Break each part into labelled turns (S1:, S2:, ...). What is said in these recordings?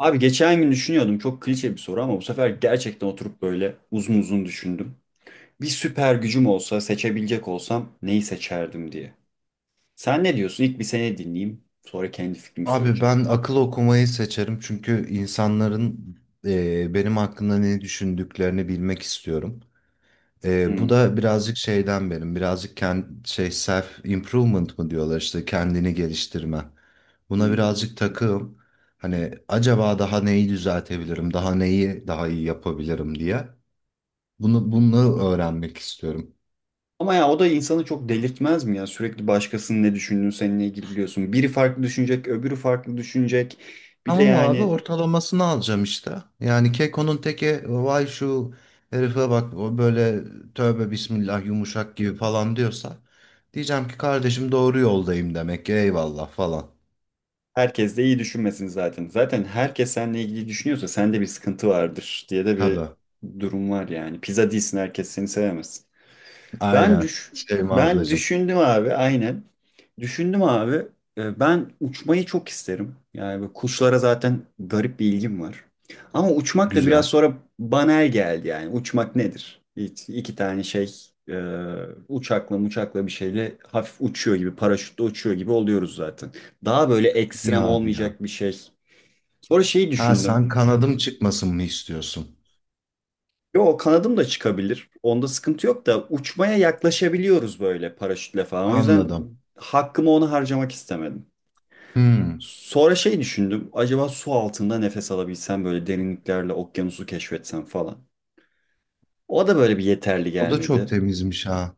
S1: Abi geçen gün düşünüyordum çok klişe bir soru ama bu sefer gerçekten oturup böyle uzun uzun düşündüm. Bir süper gücüm olsa seçebilecek olsam neyi seçerdim diye. Sen ne diyorsun? İlk bir seni dinleyeyim sonra kendi fikrimi
S2: Abi
S1: söyleyeceğim.
S2: ben akıl okumayı seçerim çünkü insanların benim hakkında ne düşündüklerini bilmek istiyorum. Bu
S1: Hmm,
S2: da birazcık şeyden benim, birazcık kend, şey self improvement mı diyorlar işte kendini geliştirme. Buna
S1: hmm.
S2: birazcık takığım. Hani acaba daha neyi düzeltebilirim, daha neyi daha iyi yapabilirim diye. Bunu öğrenmek istiyorum.
S1: Ama ya o da insanı çok delirtmez mi ya? Sürekli başkasının ne düşündüğünü seninle ilgili biliyorsun. Biri farklı düşünecek, öbürü farklı düşünecek. Bir de
S2: Tamam abi
S1: yani
S2: ortalamasını alacağım işte. Yani Keko'nun teki vay şu herife bak o böyle tövbe bismillah yumuşak gibi falan diyorsa diyeceğim ki kardeşim doğru yoldayım demek ki eyvallah falan.
S1: herkes de iyi düşünmesin zaten. Zaten herkes seninle ilgili düşünüyorsa sende bir sıkıntı vardır diye de bir
S2: Tabii,
S1: durum var yani. Pizza değilsin herkes seni sevemez. Ben
S2: aynen
S1: düş
S2: Şeyma
S1: ben
S2: ablacığım,
S1: düşündüm abi aynen. Düşündüm abi. Ben uçmayı çok isterim. Yani böyle kuşlara zaten garip bir ilgim var. Ama uçmak da biraz
S2: güzel.
S1: sonra banal geldi yani. Uçmak nedir? İki tane şey e, uçakla bir şeyle hafif uçuyor gibi paraşütle uçuyor gibi oluyoruz zaten. Daha böyle
S2: İyi
S1: ekstrem
S2: abi ya.
S1: olmayacak bir şey. Sonra şeyi
S2: Ha
S1: düşündüm.
S2: sen kanadım çıkmasın mı istiyorsun?
S1: Yo kanadım da çıkabilir. Onda sıkıntı yok da uçmaya yaklaşabiliyoruz böyle paraşütle falan. O yüzden
S2: Anladım.
S1: hakkımı ona harcamak istemedim.
S2: Hmm.
S1: Sonra şey düşündüm. Acaba su altında nefes alabilsem böyle derinliklerle okyanusu keşfetsem falan. O da böyle bir yeterli
S2: O da çok
S1: gelmedi.
S2: temizmiş ha.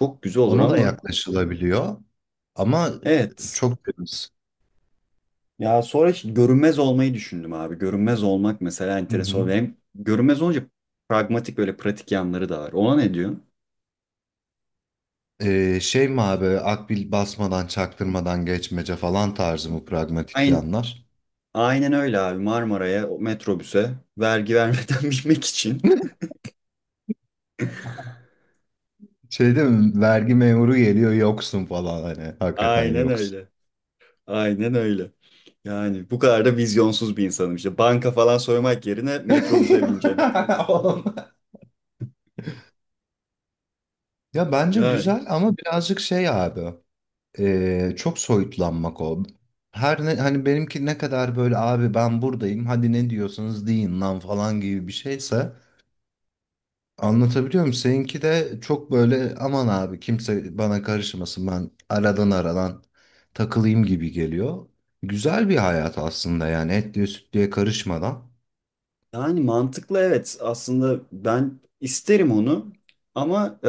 S1: Çok güzel olur
S2: Ona da
S1: ama
S2: yaklaşılabiliyor ama
S1: evet.
S2: çok temiz.
S1: Ya sonra hiç görünmez olmayı düşündüm abi. Görünmez olmak mesela enteresan. Hem görünmez olunca pragmatik böyle pratik yanları da var. Ona ne diyorsun?
S2: Şey mi abi akbil basmadan çaktırmadan geçmece falan tarzı mı pragmatik
S1: Aynı,
S2: yanlar?
S1: Aynen öyle abi Marmara'ya o metrobüse vergi vermeden binmek için.
S2: Şey değil mi, vergi memuru geliyor yoksun falan, hani hakikaten
S1: Aynen
S2: yoksun.
S1: öyle. Aynen öyle. Yani bu kadar da vizyonsuz bir insanım işte. Banka falan soymak yerine metrobüse bineceğim.
S2: Oğlum. Ya bence
S1: Yani.
S2: güzel ama birazcık şey abi, çok soyutlanmak o. Her ne, hani benimki ne kadar böyle abi ben buradayım hadi ne diyorsanız deyin lan falan gibi bir şeyse, anlatabiliyor muyum? Seninki de çok böyle aman abi kimse bana karışmasın ben aradan takılayım gibi geliyor. Güzel bir hayat aslında yani, etliye sütlüye karışmadan.
S1: Yani mantıklı evet. Aslında ben isterim onu ama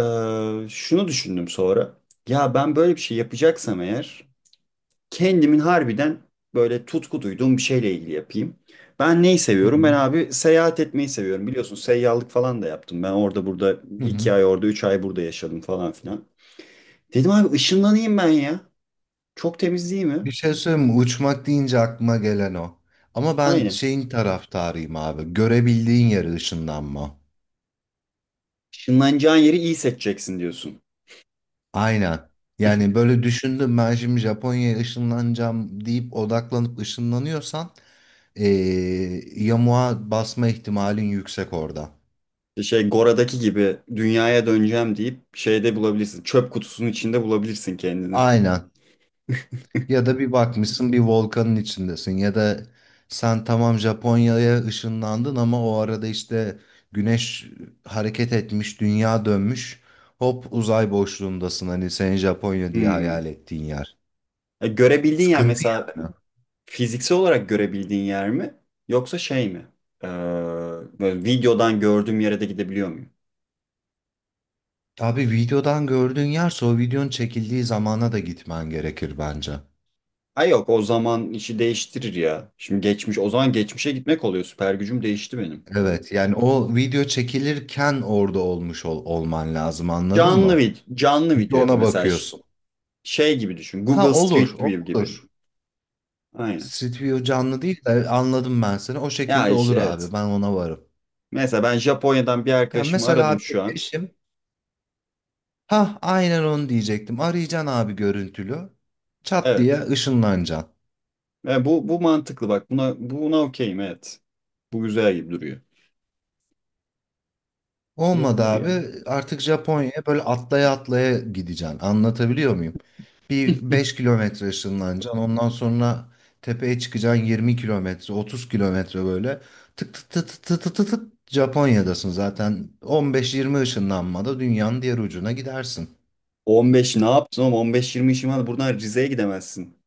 S1: şunu düşündüm sonra. Ya ben böyle bir şey yapacaksam eğer kendimin harbiden böyle tutku duyduğum bir şeyle ilgili yapayım. Ben neyi
S2: Hı
S1: seviyorum? Ben
S2: hı.
S1: abi seyahat etmeyi seviyorum. Biliyorsun seyyahlık falan da yaptım. Ben orada burada
S2: Hı
S1: iki
S2: hı.
S1: ay orada 3 ay burada yaşadım falan filan. Dedim abi ışınlanayım ben ya. Çok temiz değil mi?
S2: Bir şey söyleyeyim mi? Uçmak deyince aklıma gelen o. Ama ben
S1: Aynen.
S2: şeyin taraftarıyım abi. Görebildiğin yere ışınlanma.
S1: Işınlanacağın yeri iyi seçeceksin diyorsun.
S2: Aynen. Yani böyle düşündüm, ben şimdi Japonya'ya ışınlanacağım deyip odaklanıp ışınlanıyorsan yamuğa basma ihtimalin yüksek orada.
S1: İşte Şey Gora'daki gibi dünyaya döneceğim deyip şeyde bulabilirsin. Çöp kutusunun içinde bulabilirsin kendini.
S2: Aynen. Ya da bir bakmışsın bir volkanın içindesin, ya da sen tamam Japonya'ya ışınlandın ama o arada işte güneş hareket etmiş, dünya dönmüş. Hop uzay boşluğundasın, hani senin Japonya diye hayal
S1: Hmm.
S2: ettiğin yer.
S1: E, görebildiğin yer
S2: Sıkıntı
S1: mesela
S2: yani.
S1: fiziksel olarak görebildiğin yer mi? Yoksa şey mi? Ee, böyle videodan gördüğüm yere de gidebiliyor muyum?
S2: Abi videodan gördüğün yerse o videonun çekildiği zamana da gitmen gerekir bence.
S1: Ay yok o zaman işi değiştirir ya. Şimdi geçmiş o zaman geçmişe gitmek oluyor. Süper gücüm değişti benim.
S2: Evet yani o video çekilirken orada olmuş olman lazım, anladın mı?
S1: Canlı
S2: Çünkü
S1: video yap
S2: ona
S1: mesela
S2: bakıyorsun.
S1: şey gibi düşün.
S2: Ha,
S1: Google
S2: olur,
S1: Street View gibi.
S2: olur.
S1: Aynen.
S2: Stüdyo canlı değil de, anladım ben seni. O
S1: Ya
S2: şekilde olur abi,
S1: evet.
S2: ben ona varım.
S1: Mesela ben Japonya'dan bir
S2: Ya
S1: arkadaşımı
S2: mesela
S1: aradım
S2: abi
S1: şu an.
S2: eşim, ha aynen onu diyecektim. Arayacaksın abi görüntülü. Çat diye
S1: Evet.
S2: ışınlanacaksın.
S1: Ve bu mantıklı bak. Buna okeyim evet. Bu güzel gibi duruyor.
S2: Olmadı
S1: Yapılır ya.
S2: abi. Artık Japonya'ya böyle atlaya atlaya gideceksin. Anlatabiliyor muyum? Bir 5 kilometre ışınlanacaksın. Ondan sonra tepeye çıkacaksın, 20 kilometre, 30 kilometre böyle. Tık tık tık tık tık tık tık tık Japonya'dasın zaten. 15-20 ışınlanmada dünyanın diğer ucuna gidersin.
S1: 15 ne yaptın oğlum? 15-20 işin var. Buradan Rize'ye gidemezsin.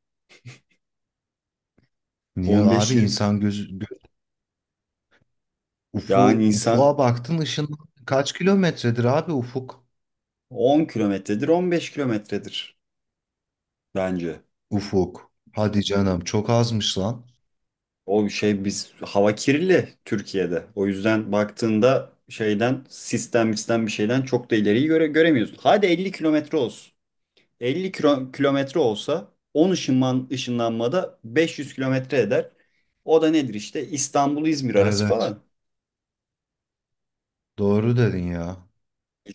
S2: Niye abi,
S1: 15-20
S2: insan gözü göz, ufu,
S1: yani insan
S2: ufuğa baktın, ışın kaç kilometredir abi ufuk?
S1: 10 kilometredir 15 kilometredir bence.
S2: Ufuk. Hadi canım, çok azmış lan.
S1: O şey biz hava kirli Türkiye'de. O yüzden baktığında şeyden sistem sistem bir şeyden çok da ileriyi göremiyorsun. Hadi 50 kilometre olsun. 50 kilometre olsa 10 ışınlanmada 500 kilometre eder. O da nedir işte İstanbul-İzmir arası
S2: Evet.
S1: falan.
S2: Doğru dedin ya.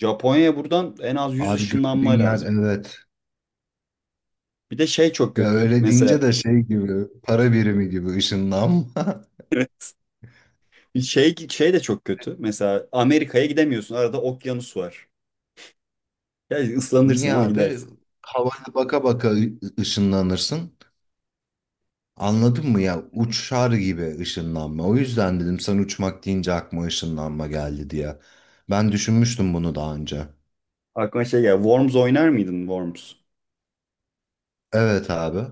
S1: Japonya'ya buradan en az 100
S2: Abi
S1: ışınlanma
S2: gördüğün yer,
S1: lazım.
S2: evet.
S1: Bir de şey çok
S2: Ya
S1: kötü.
S2: öyle deyince
S1: Mesela
S2: de şey gibi, para birimi gibi ışınlanma.
S1: şey de çok kötü. Mesela Amerika'ya gidemiyorsun. Arada okyanus var. Ya
S2: Niye
S1: ıslanırsın ama
S2: abi?
S1: gidersin.
S2: Havaya baka baka ışınlanırsın. Anladın mı ya? Uçar gibi ışınlanma. O yüzden dedim sen uçmak deyince aklıma ışınlanma geldi diye. Ben düşünmüştüm bunu daha önce.
S1: Aklıma şey geldi. Worms oynar mıydın Worms?
S2: Evet abi.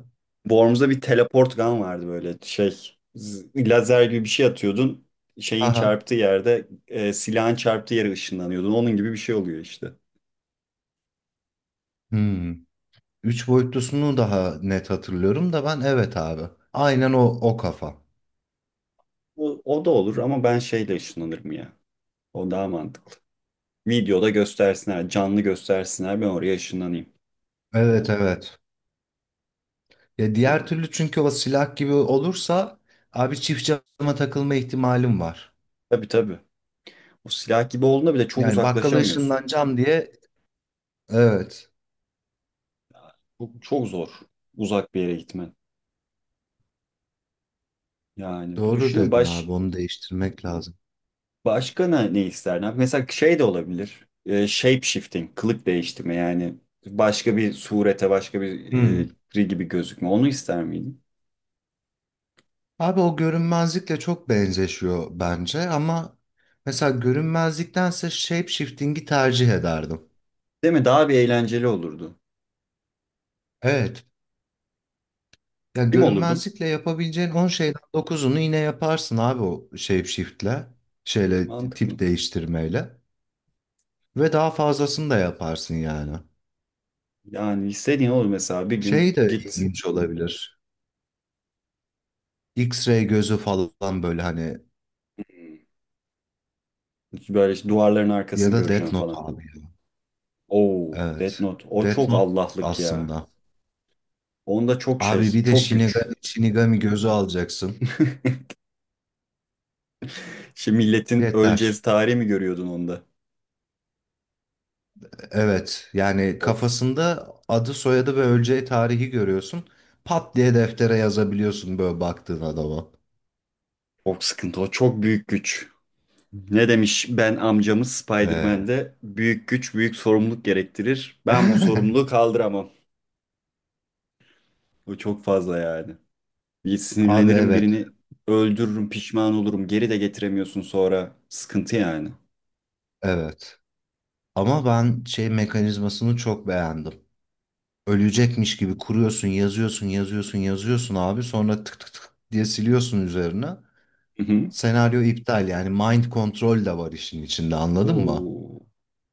S1: Worms'da bir teleport gun vardı böyle şey. Lazer gibi bir şey atıyordun. Şeyin
S2: Aha.
S1: çarptığı yerde e, silahın çarptığı yere ışınlanıyordun. Onun gibi bir şey oluyor işte.
S2: Hmm. Üç boyutlusunu daha net hatırlıyorum da ben, evet abi. Aynen o kafa.
S1: O da olur ama ben şeyle ışınlanırım ya. O daha mantıklı. Videoda göstersinler, canlı göstersinler ben oraya ışınlanayım.
S2: Evet, evet. Ya diğer
S1: Hmm.
S2: türlü çünkü o silah gibi olursa abi çift cama takılma ihtimalim var.
S1: Tabii tabii. O silah gibi olduğunda bile çok
S2: Yani bakkala
S1: uzaklaşamıyorsun.
S2: ışınlanacağım diye, evet
S1: Çok, çok zor uzak bir yere gitmen. Yani bir
S2: doğru
S1: düşünün
S2: dedin abi, onu değiştirmek lazım.
S1: başka ne isterdin? Mesela şey de olabilir. Shape shifting, kılık değiştirme yani başka bir surete, başka bir e,
S2: Hmm.
S1: biri gibi gözükme. Onu ister miydin?
S2: Abi o görünmezlikle çok benzeşiyor bence, ama mesela görünmezliktense shape shifting'i tercih ederdim.
S1: Değil mi? Daha bir eğlenceli olurdu.
S2: Evet. Ya
S1: Kim olurdun?
S2: görünmezlikle yapabileceğin 10 şeyden dokuzunu yine yaparsın abi o shape shift'le. Şeyle,
S1: Mantıklı.
S2: tip değiştirmeyle ve daha fazlasını da yaparsın yani.
S1: Yani istediğin olur mesela bir gün
S2: Şey de
S1: git
S2: ilginç olabilir. X-ray gözü falan, böyle hani,
S1: böyle işte duvarların
S2: ya
S1: arkasını
S2: da Death
S1: göreceğim
S2: Note
S1: falan.
S2: abi, ya.
S1: Oo, Death
S2: Evet.
S1: Note. O
S2: Death
S1: çok
S2: Note
S1: Allah'lık ya.
S2: aslında.
S1: Onda çok
S2: Abi
S1: şey,
S2: bir de
S1: çok güç.
S2: Shinigami gözü alacaksın.
S1: Şimdi milletin öleceğiz
S2: Yeter.
S1: tarihi mi görüyordun onda?
S2: Evet. Yani
S1: Of.
S2: kafasında adı, soyadı ve öleceği tarihi görüyorsun. Pat diye deftere yazabiliyorsun böyle baktığın adama.
S1: Çok sıkıntı o. Çok büyük güç. Ne demiş ben amcamız
S2: Ee,
S1: Spider-Man'de büyük güç büyük sorumluluk gerektirir. Ben bu sorumluluğu kaldıramam. Bu çok fazla yani. Bir
S2: Abi
S1: sinirlenirim
S2: evet.
S1: birini öldürürüm pişman olurum geri de getiremiyorsun sonra. Sıkıntı yani.
S2: Evet. Ama ben şey mekanizmasını çok beğendim. Ölecekmiş gibi kuruyorsun, yazıyorsun, yazıyorsun, yazıyorsun abi. Sonra tık tık tık diye siliyorsun üzerine.
S1: Hı hı.
S2: Senaryo iptal, yani mind control de var işin içinde, anladın mı?
S1: Oo.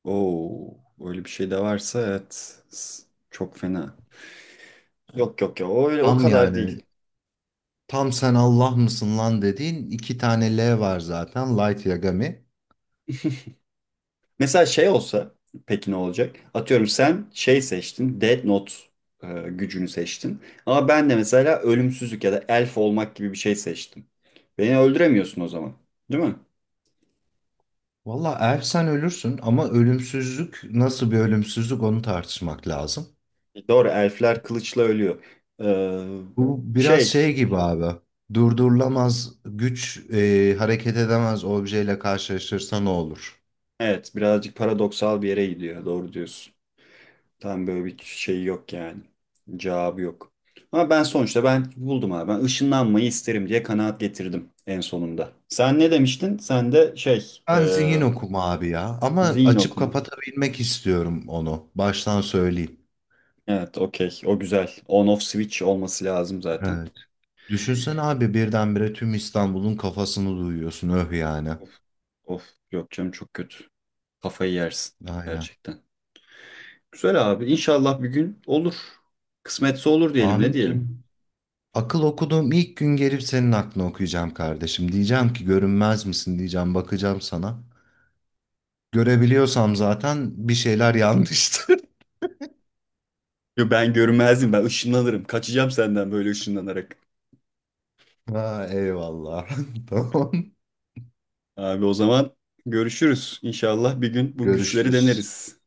S1: Oo. Öyle bir şey de varsa evet. Çok fena. Yok yok ya o öyle o
S2: Tam
S1: kadar
S2: yani,
S1: değil.
S2: tam sen Allah mısın lan dediğin, iki tane L var zaten, Light Yagami.
S1: Mesela şey olsa peki ne olacak? Atıyorum sen şey seçtin, Death Note gücünü seçtin. Ama ben de mesela ölümsüzlük ya da elf olmak gibi bir şey seçtim. Beni öldüremiyorsun o zaman. Değil mi?
S2: Valla ersen ölürsün ama ölümsüzlük nasıl bir ölümsüzlük, onu tartışmak lazım.
S1: Doğru, elfler kılıçla ölüyor. Ee,
S2: Bu biraz
S1: şey,
S2: şey gibi abi. Durdurulamaz güç hareket edemez objeyle karşılaşırsa ne olur?
S1: evet birazcık paradoksal bir yere gidiyor. Doğru diyorsun. Tam böyle bir şey yok yani. Cevabı yok. Ama ben sonuçta ben buldum abi. Ben ışınlanmayı isterim diye kanaat getirdim en sonunda. Sen ne demiştin? Sen de
S2: Ben zihin okuma abi ya. Ama açıp
S1: Zinok mu?
S2: kapatabilmek istiyorum onu. Baştan söyleyeyim.
S1: Evet, okey. O güzel. On off switch olması lazım zaten.
S2: Evet. Düşünsene abi, birdenbire tüm İstanbul'un kafasını duyuyorsun. Öh yani.
S1: Of, of. Yok canım çok kötü. Kafayı yersin
S2: Aynen.
S1: gerçekten. Güzel abi. İnşallah bir gün olur. Kısmetse olur diyelim. Ne
S2: Amin
S1: diyelim?
S2: canım. Akıl okuduğum ilk gün gelip senin aklını okuyacağım kardeşim. Diyeceğim ki görünmez misin, diyeceğim. Bakacağım sana. Görebiliyorsam zaten bir şeyler yanlıştır.
S1: Yo, ben görünmezdim. Ben ışınlanırım. Kaçacağım senden böyle ışınlanarak.
S2: Ha, eyvallah. Tamam.
S1: Abi o zaman görüşürüz. İnşallah bir gün bu güçleri
S2: Görüşürüz.
S1: deneriz.